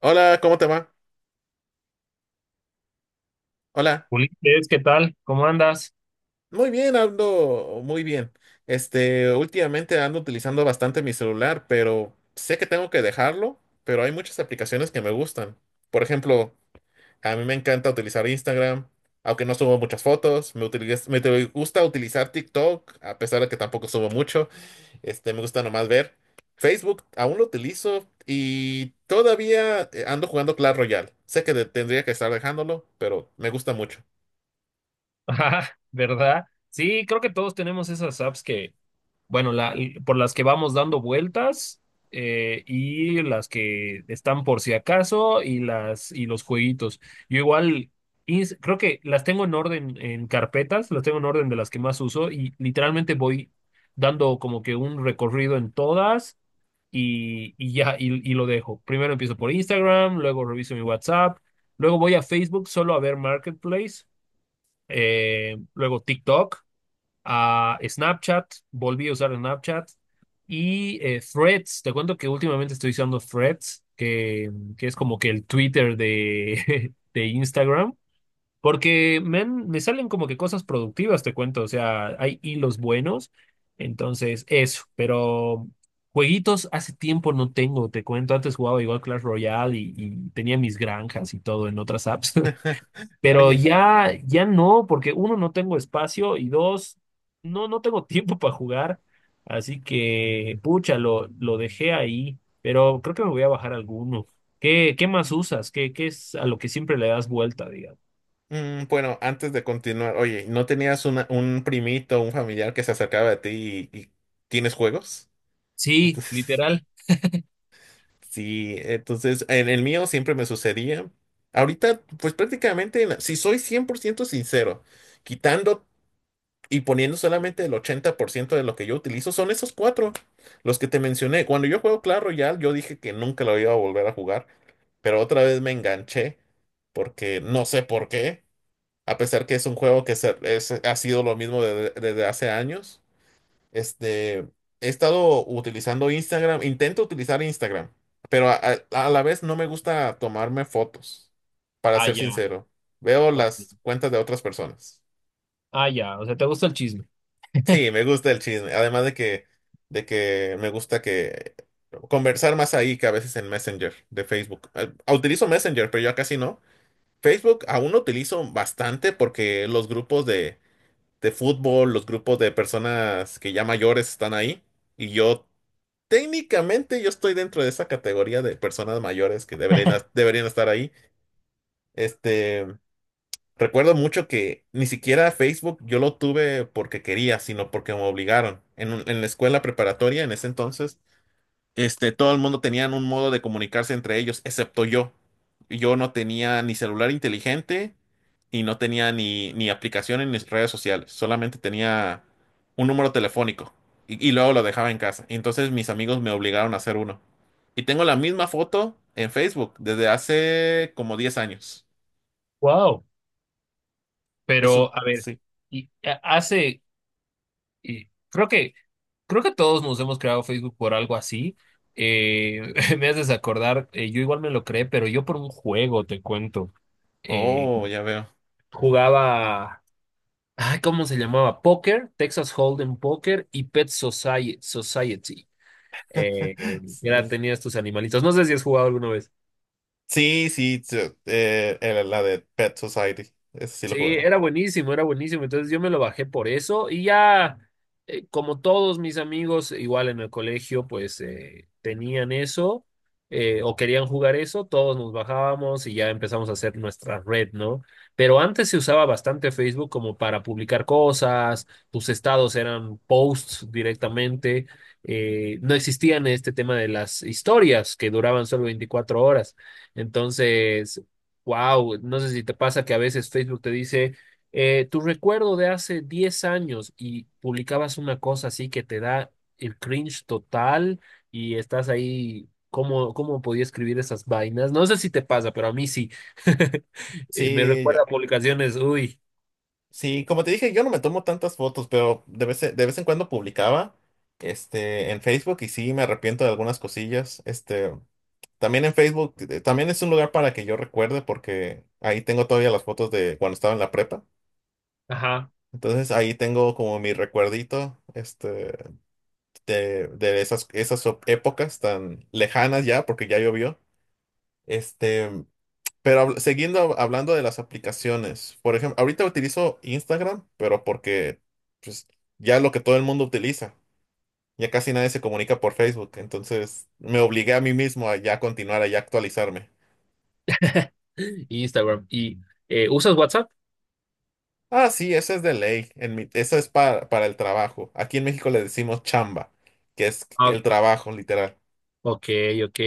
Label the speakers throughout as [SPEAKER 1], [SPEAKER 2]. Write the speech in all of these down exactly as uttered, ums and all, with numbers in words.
[SPEAKER 1] Hola, ¿cómo te va? Hola.
[SPEAKER 2] Ulises, ¿qué tal? ¿Cómo andas?
[SPEAKER 1] Muy bien, ando muy bien. Este, últimamente ando utilizando bastante mi celular, pero sé que tengo que dejarlo, pero hay muchas aplicaciones que me gustan. Por ejemplo, a mí me encanta utilizar Instagram, aunque no subo muchas fotos. Me utiliz- me te- gusta utilizar TikTok, a pesar de que tampoco subo mucho. Este, me gusta nomás ver. Facebook aún lo utilizo y todavía eh, ando jugando Clash Royale. Sé que de- tendría que estar dejándolo, pero me gusta mucho.
[SPEAKER 2] Ajá, ¿verdad? Sí, creo que todos tenemos esas apps que, bueno, la, por las que vamos dando vueltas eh, y las que están por si acaso y las y los jueguitos. Yo igual ins- creo que las tengo en orden en carpetas, las tengo en orden de las que más uso y literalmente voy dando como que un recorrido en todas y, y ya, y, y lo dejo. Primero empiezo por Instagram, luego reviso mi WhatsApp, luego voy a Facebook solo a ver Marketplace, eh, luego TikTok, a Snapchat, volví a usar Snapchat y eh, Threads. Te cuento que últimamente estoy usando Threads, que, que es como que el Twitter de, de Instagram. Porque men, me salen como que cosas productivas, te cuento. O sea, hay hilos buenos. Entonces, eso. Pero jueguitos hace tiempo no tengo, te cuento. Antes jugaba igual Clash Royale y, y tenía mis granjas y todo en otras apps. Pero
[SPEAKER 1] Oye,
[SPEAKER 2] ya, ya no, porque uno, no tengo espacio y dos, no, no tengo tiempo para jugar. Así que, pucha, lo, lo dejé ahí. Pero creo que me voy a bajar alguno. ¿Qué, qué más usas? ¿Qué, qué es a lo que siempre le das vuelta, digamos?
[SPEAKER 1] mm, bueno, antes de continuar, oye, ¿no tenías una- un primito, un familiar que se acercaba a ti y, y tienes juegos?
[SPEAKER 2] Sí,
[SPEAKER 1] Entonces,
[SPEAKER 2] literal.
[SPEAKER 1] sí, entonces en el mío siempre me sucedía. Ahorita, pues prácticamente, na- si soy cien por ciento sincero, quitando y poniendo solamente el ochenta por ciento de lo que yo utilizo, son esos cuatro, los que te mencioné. Cuando yo juego Clash Royale, yo dije que nunca lo iba a volver a jugar, pero otra vez me enganché porque no sé por qué. A pesar que es un juego que se- es- ha sido lo mismo desde, desde hace años. Este, he estado utilizando Instagram, intento utilizar Instagram, pero a, a- a la vez no me gusta tomarme fotos, para
[SPEAKER 2] Ah,
[SPEAKER 1] ser
[SPEAKER 2] ya.
[SPEAKER 1] sincero. Veo las
[SPEAKER 2] Ok.
[SPEAKER 1] cuentas de otras personas.
[SPEAKER 2] Ah, ya. O sea, te gusta el chisme.
[SPEAKER 1] Sí, me gusta el chisme, además de que, de que me gusta que conversar más ahí que a veces en Messenger de Facebook. Eh, Utilizo Messenger, pero ya casi no. Facebook aún lo utilizo bastante porque los grupos de de fútbol, los grupos de personas que ya mayores están ahí. Y yo, técnicamente, yo estoy dentro de esa categoría de personas mayores que deberían, es- deberían estar ahí. Este, recuerdo mucho que ni siquiera Facebook yo lo tuve porque quería, sino porque me obligaron. En, un- en la escuela preparatoria, en ese entonces, este, todo el mundo tenía un modo de comunicarse entre ellos, excepto yo. Yo no tenía ni celular inteligente y no tenía ni, ni aplicaciones ni redes sociales, solamente tenía un número telefónico y, y luego lo dejaba en casa. Y entonces mis amigos me obligaron a hacer uno. Y tengo la misma foto en Facebook desde hace como diez años.
[SPEAKER 2] Wow.
[SPEAKER 1] Eso,
[SPEAKER 2] Pero, a ver,
[SPEAKER 1] sí.
[SPEAKER 2] y eh, hace, y creo que, creo que todos nos hemos creado Facebook por algo así. Eh, me haces acordar, eh, yo igual me lo creé, pero yo por un juego, te cuento. Eh,
[SPEAKER 1] Oh, ya veo.
[SPEAKER 2] jugaba, ay, ¿cómo se llamaba? Póker, Texas Hold'em Póker y Pet Society. Society. Eh, eh, era,
[SPEAKER 1] Sí.
[SPEAKER 2] tenía estos animalitos. No sé si has jugado alguna vez.
[SPEAKER 1] Sí, sí, sí, eh, eh, la de Pet Society. Ese sí lo
[SPEAKER 2] Sí,
[SPEAKER 1] jugaba.
[SPEAKER 2] era buenísimo, era buenísimo. Entonces yo me lo bajé por eso y ya, eh, como todos mis amigos, igual en el colegio, pues eh, tenían eso eh, o querían jugar eso, todos nos bajábamos y ya empezamos a hacer nuestra red, ¿no? Pero antes se usaba bastante Facebook como para publicar cosas, tus estados eran posts directamente, eh, no existían este tema de las historias que duraban solo veinticuatro horas. Entonces... Wow, no sé si te pasa que a veces Facebook te dice, eh, tu recuerdo de hace diez años y publicabas una cosa así que te da el cringe total y estás ahí, ¿cómo, cómo podía escribir esas vainas? No sé si te pasa, pero a mí sí. Eh, me
[SPEAKER 1] Sí,
[SPEAKER 2] recuerda
[SPEAKER 1] yo.
[SPEAKER 2] a publicaciones, uy,
[SPEAKER 1] Sí, como te dije, yo no me tomo tantas fotos, pero de vez en, de vez en cuando publicaba este, en Facebook y sí me arrepiento de algunas cosillas. Este, también en Facebook, eh, también es un lugar para que yo recuerde porque ahí tengo todavía las fotos de cuando estaba en la prepa.
[SPEAKER 2] ajá,
[SPEAKER 1] Entonces ahí tengo como mi recuerdito este, de, de esas, esas épocas tan lejanas ya, porque ya llovió. Este, Pero habl- siguiendo hab- hablando de las aplicaciones, por ejemplo, ahorita utilizo Instagram, pero porque pues, ya es lo que todo el mundo utiliza, ya casi nadie se comunica por Facebook, entonces me obligué a mí mismo a ya continuar, a ya actualizarme.
[SPEAKER 2] Instagram. ¿Y eh, usas WhatsApp?
[SPEAKER 1] Ah, sí, esa es de ley, en mi, esa es para, para el trabajo. Aquí en México le decimos chamba, que es el trabajo, literal.
[SPEAKER 2] Ok, ok.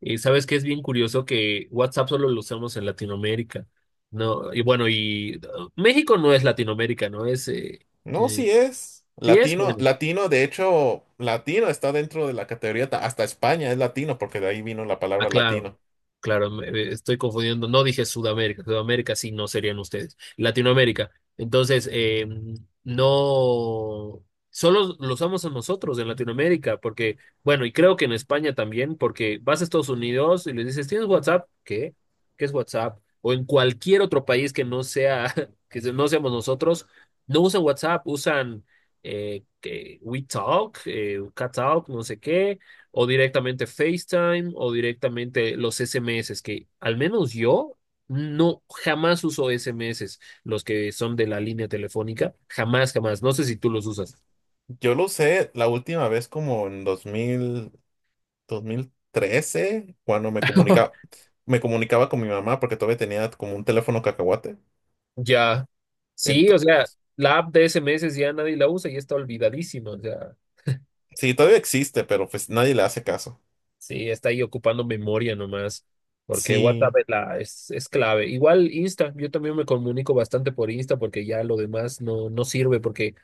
[SPEAKER 2] Y sabes que es bien curioso que WhatsApp solo lo usamos en Latinoamérica. No, y bueno, y uh, México no es Latinoamérica, ¿no? Es, eh,
[SPEAKER 1] No,
[SPEAKER 2] eh,
[SPEAKER 1] sí es.
[SPEAKER 2] sí es,
[SPEAKER 1] Latino,
[SPEAKER 2] bueno.
[SPEAKER 1] latino, de hecho, latino está dentro de la categoría, ta- hasta España es latino, porque de ahí vino la palabra
[SPEAKER 2] Ah, claro,
[SPEAKER 1] latino.
[SPEAKER 2] claro, me- me estoy confundiendo. No dije Sudamérica, Sudamérica sí no serían ustedes. Latinoamérica. Entonces, eh, no, solo lo usamos a nosotros en Latinoamérica, porque, bueno, y creo que en España también, porque vas a Estados Unidos y les dices, ¿tienes WhatsApp? ¿Qué? ¿Qué es WhatsApp? O en cualquier otro país que no sea, que no seamos nosotros, no usan WhatsApp, usan eh, que WeTalk, eh, CatTalk, no sé qué, o directamente FaceTime o directamente los S M S, que al menos yo no jamás uso S M S, los que son de la línea telefónica, jamás, jamás. No sé si tú los usas.
[SPEAKER 1] Yo lo usé la última vez como en dos dos mil dos mil trece cuando me comunicaba, me comunicaba con mi mamá porque todavía tenía como un teléfono cacahuate.
[SPEAKER 2] Ya. Sí, o
[SPEAKER 1] Ento-
[SPEAKER 2] sea, la app de S M S ya nadie la usa y está olvidadísima. O sea,
[SPEAKER 1] sí, todavía existe, pero pues nadie le hace caso.
[SPEAKER 2] sí, está ahí ocupando memoria nomás. Porque WhatsApp
[SPEAKER 1] Sí,
[SPEAKER 2] es, la, es, es clave. Igual Insta, yo también me comunico bastante por Insta porque ya lo demás no, no sirve porque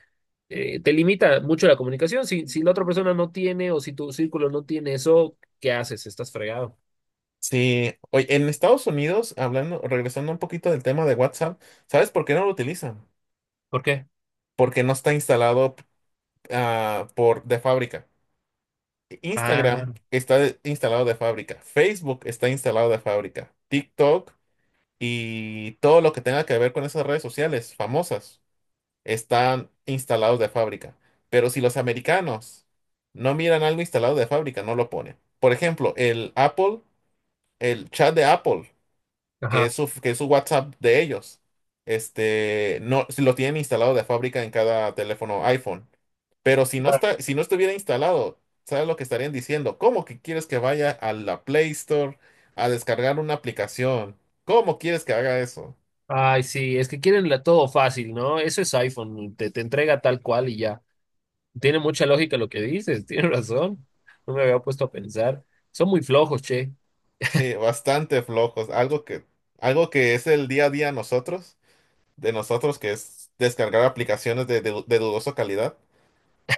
[SPEAKER 2] eh, te limita mucho la comunicación. Si, si la otra persona no tiene o si tu círculo no tiene eso, ¿qué haces? Estás fregado.
[SPEAKER 1] sí. Oye, en Estados Unidos, hablando, regresando un poquito del tema de WhatsApp, ¿sabes por qué no lo utilizan?
[SPEAKER 2] ¿Por qué?
[SPEAKER 1] Porque no está instalado, ah, por de fábrica.
[SPEAKER 2] Ah,
[SPEAKER 1] Instagram está de- instalado de fábrica. Facebook está instalado de fábrica. TikTok y todo lo que tenga que ver con esas redes sociales famosas están instalados de fábrica. Pero si los americanos no miran algo instalado de fábrica, no lo ponen. Por ejemplo, el Apple, el chat de Apple, que es
[SPEAKER 2] ajá.
[SPEAKER 1] su, que es su WhatsApp de ellos, este, no, si lo tienen instalado de fábrica en cada teléfono iPhone. Pero si no
[SPEAKER 2] Claro.
[SPEAKER 1] está, si no estuviera instalado, ¿sabes lo que estarían diciendo? ¿Cómo que quieres que vaya a la Play Store a descargar una aplicación? ¿Cómo quieres que haga eso?
[SPEAKER 2] Ay, sí, es que quieren la- todo fácil, ¿no? Eso es iPhone, te, te entrega tal cual y ya. Tiene mucha lógica lo que dices, tienes razón. No me había puesto a pensar. Son muy flojos, che.
[SPEAKER 1] Sí, bastante flojos. Algo que, algo que es el día a día nosotros, de nosotros, que es descargar aplicaciones de, de- de dudosa calidad.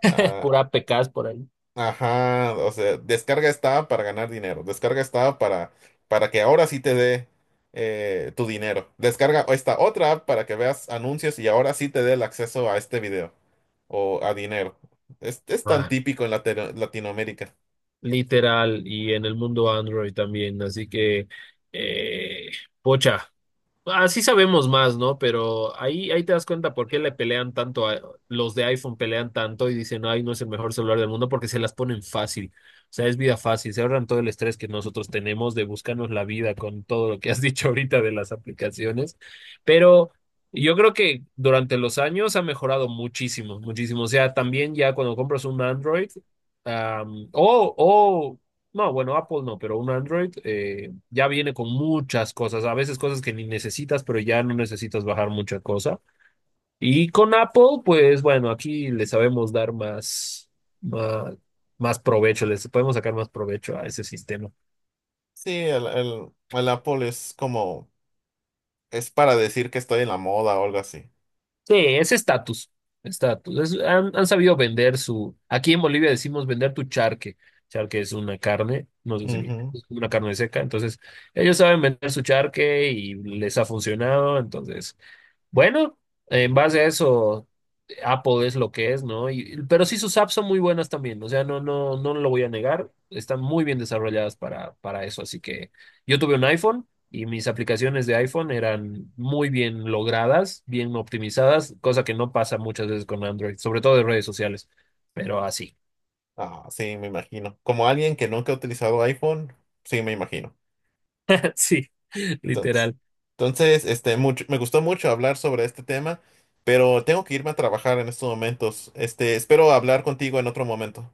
[SPEAKER 1] Ah,
[SPEAKER 2] Pura A P Ks por ahí.
[SPEAKER 1] ajá, o sea, descarga esta app para ganar dinero. Descarga esta app para, para que ahora sí te dé eh, tu dinero. Descarga esta otra app para que veas anuncios y ahora sí te dé el acceso a este video o a dinero. Es, es tan
[SPEAKER 2] Ah,
[SPEAKER 1] típico en Latino- Latinoamérica.
[SPEAKER 2] literal, y en el mundo Android también. Así que, eh, pocha. Así sabemos más, ¿no? Pero ahí, ahí te das cuenta por qué le pelean tanto a los de iPhone pelean tanto y dicen, ay, no es el mejor celular del mundo porque se las ponen fácil. O sea, es vida fácil, se ahorran todo el estrés que nosotros tenemos de buscarnos la vida con todo lo que has dicho ahorita de las aplicaciones. Pero yo creo que durante los años ha mejorado muchísimo, muchísimo. O sea, también ya cuando compras un Android, am, o no, bueno, Apple no, pero un Android eh, ya viene con muchas cosas, a veces cosas que ni necesitas, pero ya no necesitas bajar mucha cosa. Y con Apple, pues bueno, aquí le sabemos dar más, más, más provecho, les podemos sacar más provecho a ese sistema.
[SPEAKER 1] Sí, el, el, el Apple es como, es para decir que estoy en la moda o algo así.
[SPEAKER 2] Sí, es estatus, estatus. Es- han, han sabido vender su, aquí en Bolivia decimos vender tu charque. Charque es una carne, no sé si
[SPEAKER 1] Ujú.
[SPEAKER 2] es una carne seca, entonces ellos saben vender su charque y les ha funcionado, entonces... Bueno, en base a eso, Apple es lo que es, ¿no? Y- pero sí sus apps son muy buenas también, o sea, no, no, no lo voy a negar, están muy bien desarrolladas para, para eso, así que yo tuve un iPhone y mis aplicaciones de iPhone eran muy bien logradas, bien optimizadas, cosa que no pasa muchas veces con Android, sobre todo de redes sociales, pero así,
[SPEAKER 1] Ah, sí, me imagino. Como alguien que nunca ha utilizado iPhone, sí, me imagino.
[SPEAKER 2] sí,
[SPEAKER 1] Entonces,
[SPEAKER 2] literal.
[SPEAKER 1] entonces, este, mucho, me gustó mucho hablar sobre este tema, pero tengo que irme a trabajar en estos momentos. Este, espero hablar contigo en otro momento.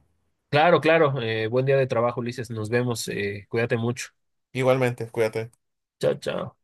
[SPEAKER 2] Claro, claro, eh, buen día de trabajo, Ulises, nos vemos, eh, cuídate mucho.
[SPEAKER 1] Igualmente, cuídate.
[SPEAKER 2] Chao, chao.